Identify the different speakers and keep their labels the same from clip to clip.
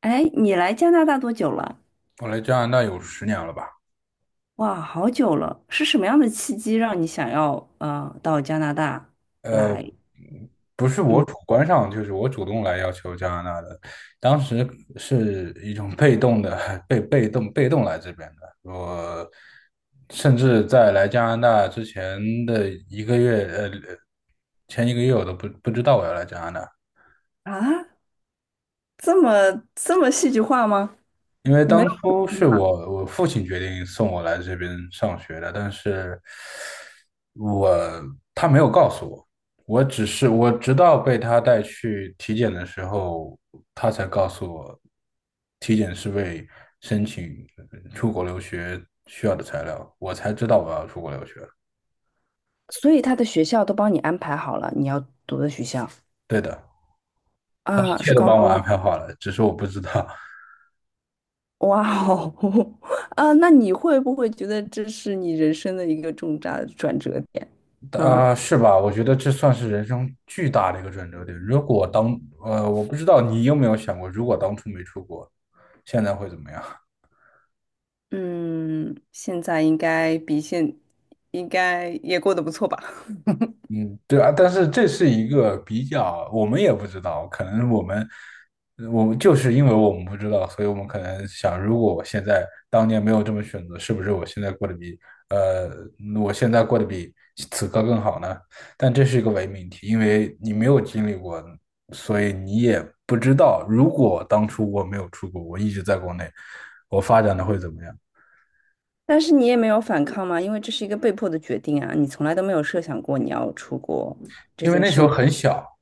Speaker 1: 哎，你来加拿大多久了？
Speaker 2: 我来加拿大有10年了吧？
Speaker 1: 哇，好久了！是什么样的契机让你想要到加拿大
Speaker 2: 呃，
Speaker 1: 来？
Speaker 2: 不是我
Speaker 1: 嗯
Speaker 2: 主观上，就是我主动来要求加拿大的。当时是一种被动的，被动来这边的。我甚至在来加拿大之前的一个月，前一个月我都不知道我要来加拿大。
Speaker 1: 啊，这么这么戏剧化吗？
Speaker 2: 因为
Speaker 1: 你没有，
Speaker 2: 当初是我父亲决定送我来这边上学的，但是我他没有告诉我，我只是我直到被他带去体检的时候，他才告诉我，体检是为申请出国留学需要的材料，我才知道我要出国留学。
Speaker 1: 所以他的学校都帮你安排好了，你要读的学校
Speaker 2: 对的，一
Speaker 1: 啊，
Speaker 2: 切
Speaker 1: 是
Speaker 2: 都
Speaker 1: 高
Speaker 2: 帮我
Speaker 1: 中
Speaker 2: 安
Speaker 1: 吗？
Speaker 2: 排好了，只是我不知道。
Speaker 1: 哇哦，啊，那你会不会觉得这是你人生的一个重大的转折点？嗯。
Speaker 2: 啊、是吧？我觉得这算是人生巨大的一个转折点。如果当呃，我不知道你有没有想过，如果当初没出国，现在会怎么样？
Speaker 1: 嗯，现在应该比现应该也过得不错吧？
Speaker 2: 嗯，对啊，但是这是一个比较，我们也不知道，可能我们就是因为我们不知道，所以我们可能想，如果我现在当年没有这么选择，是不是我呃，现在过得比此刻更好呢？但这是一个伪命题，因为你没有经历过，所以你也不知道，如果当初我没有出国，我一直在国内，我发展的会怎么样？
Speaker 1: 但是你也没有反抗吗？因为这是一个被迫的决定啊，你从来都没有设想过你要出国这
Speaker 2: 因为
Speaker 1: 件
Speaker 2: 那时
Speaker 1: 事
Speaker 2: 候
Speaker 1: 吗？
Speaker 2: 很小，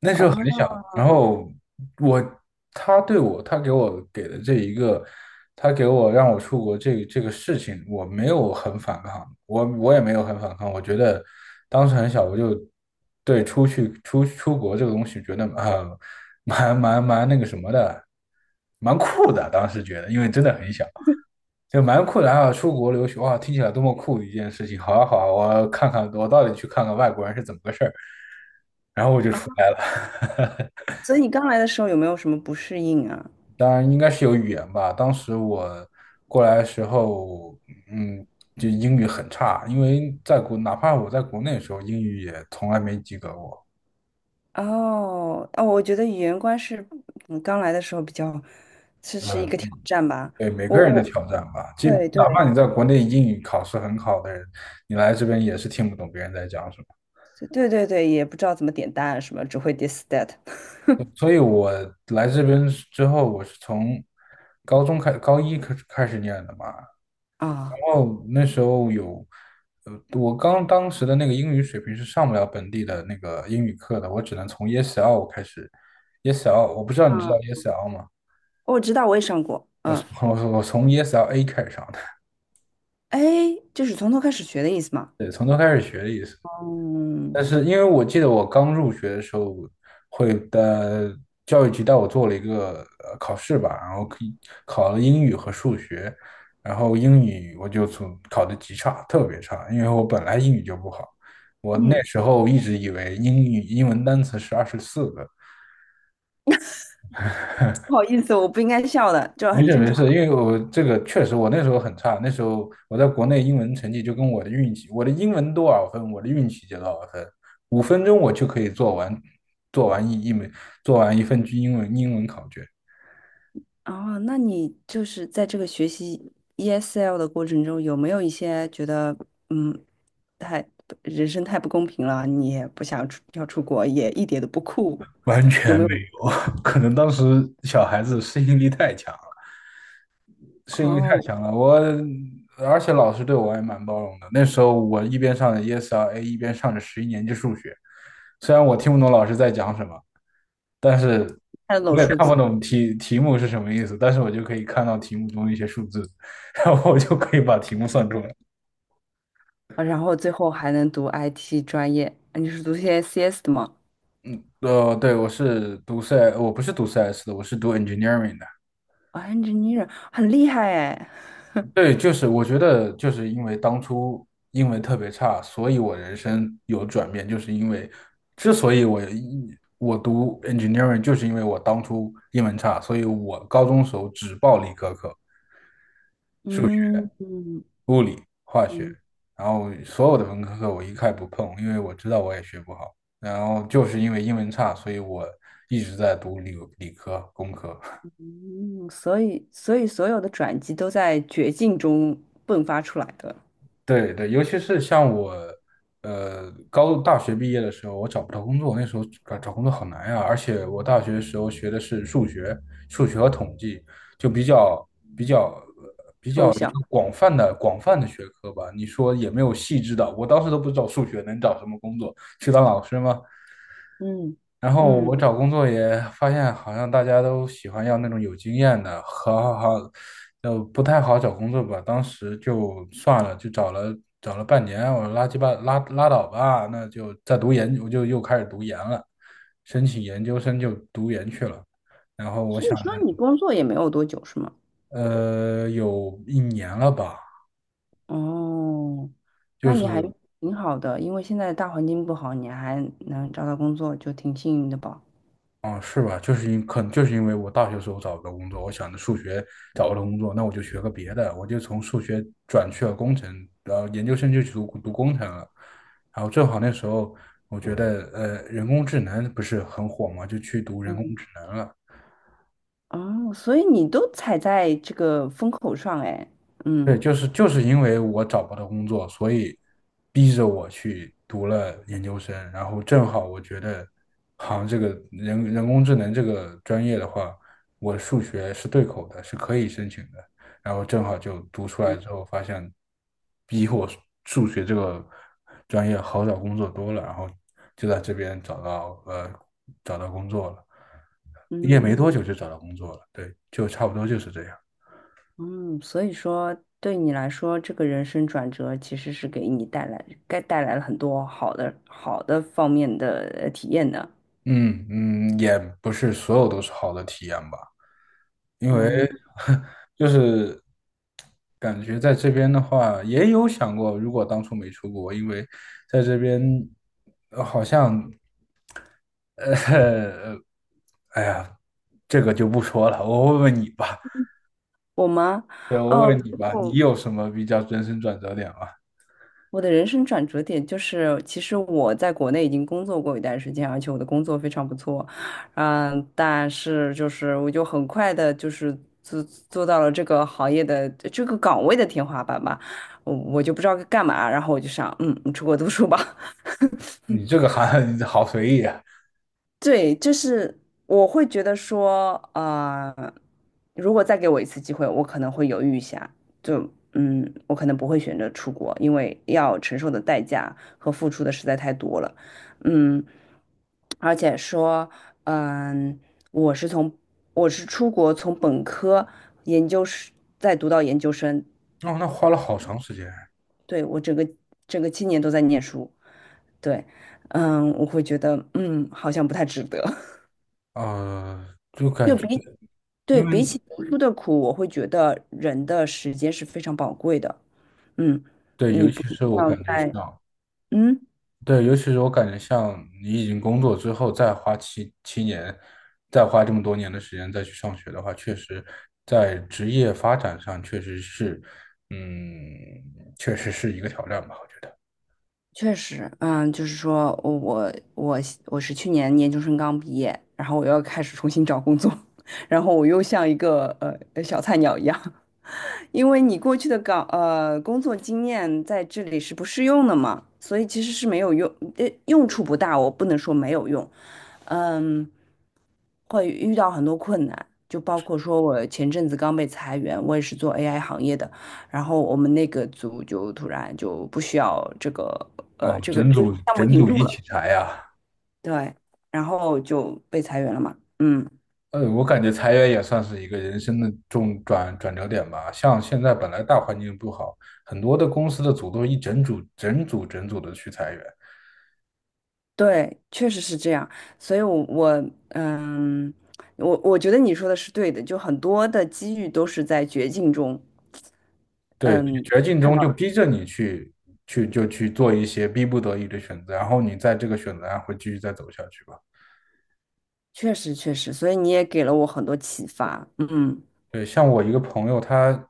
Speaker 2: 那时
Speaker 1: 哦。
Speaker 2: 候很小，然后我他对我他给的这一个，他给我让我出国这个事情，我没有很反抗，我也没有很反抗，我觉得当时很小，我就对出去出出国这个东西觉得啊、蛮那个什么的，蛮酷的，当时觉得，因为真的很小。就蛮酷的啊！出国留学哇，听起来多么酷的一件事情！好啊好啊，我看看，我到底去看看外国人是怎么个事儿，然后我就
Speaker 1: 啊，
Speaker 2: 出来了。
Speaker 1: 所以你刚来的时候有没有什么不适应啊？
Speaker 2: 当然应该是有语言吧。当时我过来的时候，嗯，就英语很差，因为哪怕我在国内的时候，英语也从来没及格过。
Speaker 1: 哦哦，我觉得语言关是刚来的时候比较，这
Speaker 2: 嗯，
Speaker 1: 是一个挑战吧。
Speaker 2: 对每
Speaker 1: 我
Speaker 2: 个人的
Speaker 1: 我
Speaker 2: 挑战吧，就
Speaker 1: 对对
Speaker 2: 哪怕你在国内英语考试很好的人，你来这边也是听不懂别人在讲什么。
Speaker 1: 对对对，也不知道怎么点单啊什么，只会 this that。
Speaker 2: 对所以，我来这边之后，我是从高一开始念的嘛，
Speaker 1: 啊
Speaker 2: 哦，那时候有，呃，我刚当时的那个英语水平是上不了本地的那个英语课的，我只能从 ESL 开始，ESL 我不知道你知道
Speaker 1: 啊，
Speaker 2: ESL 吗？
Speaker 1: 我知道，我也上过，
Speaker 2: 我
Speaker 1: 嗯。
Speaker 2: 是我我从 ESL A 开始上的，
Speaker 1: 哎，就是从头开始学的意思吗？
Speaker 2: 对，从头开始学的意思。
Speaker 1: 嗯。
Speaker 2: 但是因为我记得我刚入学的时候，会的教育局带我做了一个考试吧，然后可以考了英语和数学，然后英语我就从考的极差，特别差，因为我本来英语就不好，我那
Speaker 1: 嗯，
Speaker 2: 时候一直以为英文单词是24个，
Speaker 1: 不好意思，我不应该笑的，这
Speaker 2: 没
Speaker 1: 很
Speaker 2: 事
Speaker 1: 正
Speaker 2: 没
Speaker 1: 常。
Speaker 2: 事，因为我这个确实我那时候很差，那时候我在国内英文成绩就跟我的运气，我的英文多少分，我的运气就多少分，5分钟我就可以做完一一门做完一份英文考卷，
Speaker 1: 哦，那你就是在这个学习 ESL 的过程中，有没有一些觉得，嗯，太，人生太不公平了，你也不想出，要出国，也一点都不酷，
Speaker 2: 完
Speaker 1: 有
Speaker 2: 全
Speaker 1: 没
Speaker 2: 没
Speaker 1: 有？
Speaker 2: 有，可能当时小孩子适应力太强了，适应力太
Speaker 1: 哦，
Speaker 2: 强了，而且老师对我还蛮包容的，那时候我一边上着 ESRA，一边上着11年级数学，虽然我听不懂老师在讲什么。
Speaker 1: 看那种
Speaker 2: 我也
Speaker 1: 数
Speaker 2: 看不
Speaker 1: 字。
Speaker 2: 懂题目是什么意思，但是我就可以看到题目中一些数字，然后我就可以把题目算出来。
Speaker 1: 啊然后最后还能读 IT 专业，啊你是读些 CS 的吗？
Speaker 2: 对，我是读 CS，我不是读 CS 的，我是读 engineering 的。
Speaker 1: 啊，engineer 很厉害哎。
Speaker 2: 对，就是我觉得就是因为当初英文特别差，所以我人生有转变，就是因为之所以我读 engineering，就是因为我当初英文差，所以我高中时候只报理科课，数
Speaker 1: 嗯嗯
Speaker 2: 物理、化学，
Speaker 1: 嗯
Speaker 2: 然后所有的文科课我一概不碰，因为我知道我也学不好。然后就是因为英文差，所以我一直在读理科、工科。
Speaker 1: 嗯，所以所有的转机都在绝境中迸发出来的。
Speaker 2: 对对，尤其是像我，大学毕业的时候，我找不到工作，那时候找工作好难呀、而且我大学的时候学的是数学、和统计，就比较
Speaker 1: 抽象。
Speaker 2: 广泛的学科吧。你说也没有细致的，我当时都不知道数学能找什么工作，去当老师吗？
Speaker 1: 嗯
Speaker 2: 然后我
Speaker 1: 嗯。
Speaker 2: 找工作也发现，好像大家都喜欢要那种有经验的，好好好，就不太好找工作吧。当时就算了，就找了半年，我说拉鸡巴拉倒吧，那就再读研，我就又开始读研了，申请研究生就读研去了。然后我
Speaker 1: 所以
Speaker 2: 想着，
Speaker 1: 说你工作也没有多久是吗？
Speaker 2: 有一年了吧，
Speaker 1: 哦，
Speaker 2: 就
Speaker 1: 那你还
Speaker 2: 是
Speaker 1: 挺好的，因为现在大环境不好，你还能找到工作，就挺幸运的吧？
Speaker 2: 哦，是吧？就是因可能就是因为我大学时候找不到工作，我想着数学找不到工作，那我就学个别的，我就从数学转去了工程，然后研究生就去读工程了。然后正好那时候我觉得人工智能不是很火嘛，就去读人工
Speaker 1: 嗯。
Speaker 2: 智能了。
Speaker 1: 哦，所以你都踩在这个风口上，哎。嗯
Speaker 2: 对，就是因为我找不到工作，所以逼着我去读了研究生。然后正好我觉得，好像这个人工智能这个专业的话，我数学是对口的，是可以申请的。然后正好就读出来之后，发现比我数学这个专业好找工作多了。然后就在这边找到工作了，毕业没
Speaker 1: 嗯
Speaker 2: 多久就找到工作了。对，就差不多就是这样。
Speaker 1: 嗯，所以说对你来说，这个人生转折其实是给你带来，该带来了很多好的好的方面的体验的。
Speaker 2: 嗯嗯，也不是所有都是好的体验吧，因为
Speaker 1: 嗯。
Speaker 2: 就是感觉在这边的话，也有想过，如果当初没出国，因为在这边好像，呃，哎呀，这个就不说了，我问问你吧，
Speaker 1: 我吗？
Speaker 2: 对，我问
Speaker 1: 哦，
Speaker 2: 问你吧，你
Speaker 1: 我
Speaker 2: 有什么比较人生转折点吗？
Speaker 1: 我的人生转折点就是，其实我在国内已经工作过一段时间，而且我的工作非常不错。嗯，但是就是我就很快的，就是做做到了这个行业的这个岗位的天花板吧。我就不知道该干嘛，然后我就想，嗯，出国读书吧。
Speaker 2: 你这个还 好随意啊，
Speaker 1: 对，就是我会觉得说，呃，如果再给我一次机会，我可能会犹豫一下，就嗯，我可能不会选择出国，因为要承受的代价和付出的实在太多了。嗯，而且说，嗯，我是从我是出国从本科研究生再读到研究生。
Speaker 2: 哦，那花了好长时间啊，
Speaker 1: 对，我整个整个七年都在念书。对。嗯，我会觉得，嗯，好像不太值得。
Speaker 2: 就感
Speaker 1: 就
Speaker 2: 觉
Speaker 1: 比对，
Speaker 2: 因
Speaker 1: 比
Speaker 2: 为
Speaker 1: 起读书的苦，我会觉得人的时间是非常宝贵的。嗯，
Speaker 2: 对，尤
Speaker 1: 你不
Speaker 2: 其是我
Speaker 1: 要
Speaker 2: 感觉
Speaker 1: 在，
Speaker 2: 像。
Speaker 1: 嗯。
Speaker 2: 对，尤其是我感觉，像你已经工作之后，再花七年，再花这么多年的时间再去上学的话，确实在职业发展上确实是，嗯，确实是一个挑战吧，我觉得。
Speaker 1: 确实，嗯，就是说我我是去年研究生刚毕业，然后我又要开始重新找工作。然后我又像一个小菜鸟一样，因为你过去的呃工作经验在这里是不适用的嘛，所以其实是没有用。呃，用处不大，我不能说没有用。嗯，会遇到很多困难，就包括说我前阵子刚被裁员，我也是做 AI 行业的，然后我们那个组就突然就不需要这个
Speaker 2: 哦，
Speaker 1: 这个
Speaker 2: 整
Speaker 1: 就是
Speaker 2: 组
Speaker 1: 项目
Speaker 2: 整
Speaker 1: 停
Speaker 2: 组
Speaker 1: 住
Speaker 2: 一起
Speaker 1: 了。
Speaker 2: 裁呀、
Speaker 1: 对，然后就被裁员了嘛。嗯。
Speaker 2: 我感觉裁员也算是一个人生的转折点吧。像现在本来大环境不好，很多的公司的组都一整组整组整组的去裁员。
Speaker 1: 对，确实是这样，所以我，我觉得你说的是对的，就很多的机遇都是在绝境中，
Speaker 2: 对，
Speaker 1: 嗯，
Speaker 2: 绝境
Speaker 1: 看
Speaker 2: 中
Speaker 1: 到
Speaker 2: 就
Speaker 1: 了。
Speaker 2: 逼着你去做一些逼不得已的选择，然后你在这个选择上会继续再走下去吧。
Speaker 1: 确实确实，所以你也给了我很多启发。嗯。
Speaker 2: 对，像我一个朋友，他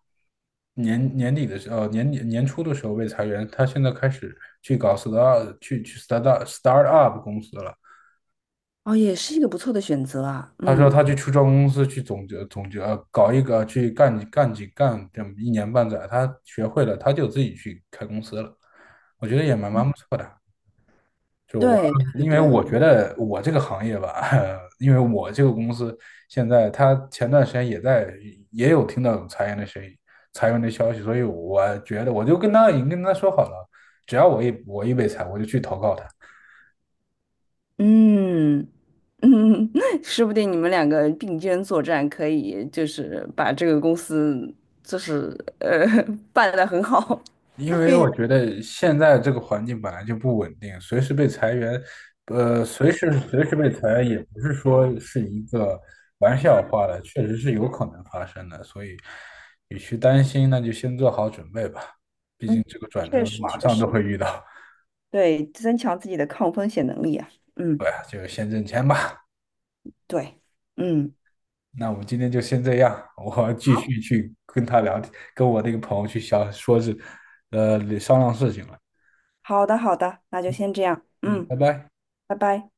Speaker 2: 年底年初的时候被裁员，他现在开始去搞 start 去去 start up 公司了。
Speaker 1: 哦，也是一个不错的选择啊。
Speaker 2: 他说
Speaker 1: 嗯。
Speaker 2: 他去初创公司去总结总结，搞一个去干这么一年半载，他学会了，他就自己去开公司了。我觉得也蛮不错的。就我，
Speaker 1: 对对
Speaker 2: 因为我
Speaker 1: 对。
Speaker 2: 觉得我这个行业吧，因为我这个公司现在，他前段时间也有听到有裁员的声音、裁员的消息，所以我觉得我就跟他已经跟他说好了，只要我一被裁，我就去投靠他。
Speaker 1: 嗯嗯，说不定你们两个并肩作战，可以就是把这个公司就是呃 办得很好。
Speaker 2: 因 为
Speaker 1: 运营。
Speaker 2: 我觉得现在这个环境本来就不稳定，随时被裁员，随时被裁员也不是说是一个玩笑话了，确实是有可能发生的，所以你去担心，那就先做好准备吧，毕竟
Speaker 1: 嗯，
Speaker 2: 这个转
Speaker 1: 确
Speaker 2: 折
Speaker 1: 实
Speaker 2: 马
Speaker 1: 确
Speaker 2: 上都
Speaker 1: 实。
Speaker 2: 会遇到。
Speaker 1: 对，增强自己的抗风险能力啊。嗯。
Speaker 2: 对啊，就先挣钱吧。
Speaker 1: 对。嗯。
Speaker 2: 那我们今天就先这样，我继
Speaker 1: 好，
Speaker 2: 续去跟他聊天，跟我那个朋友去想说是，商量事情了。
Speaker 1: 好的，好的，那就先这样。
Speaker 2: 嗯，
Speaker 1: 嗯，
Speaker 2: 拜拜。
Speaker 1: 拜拜。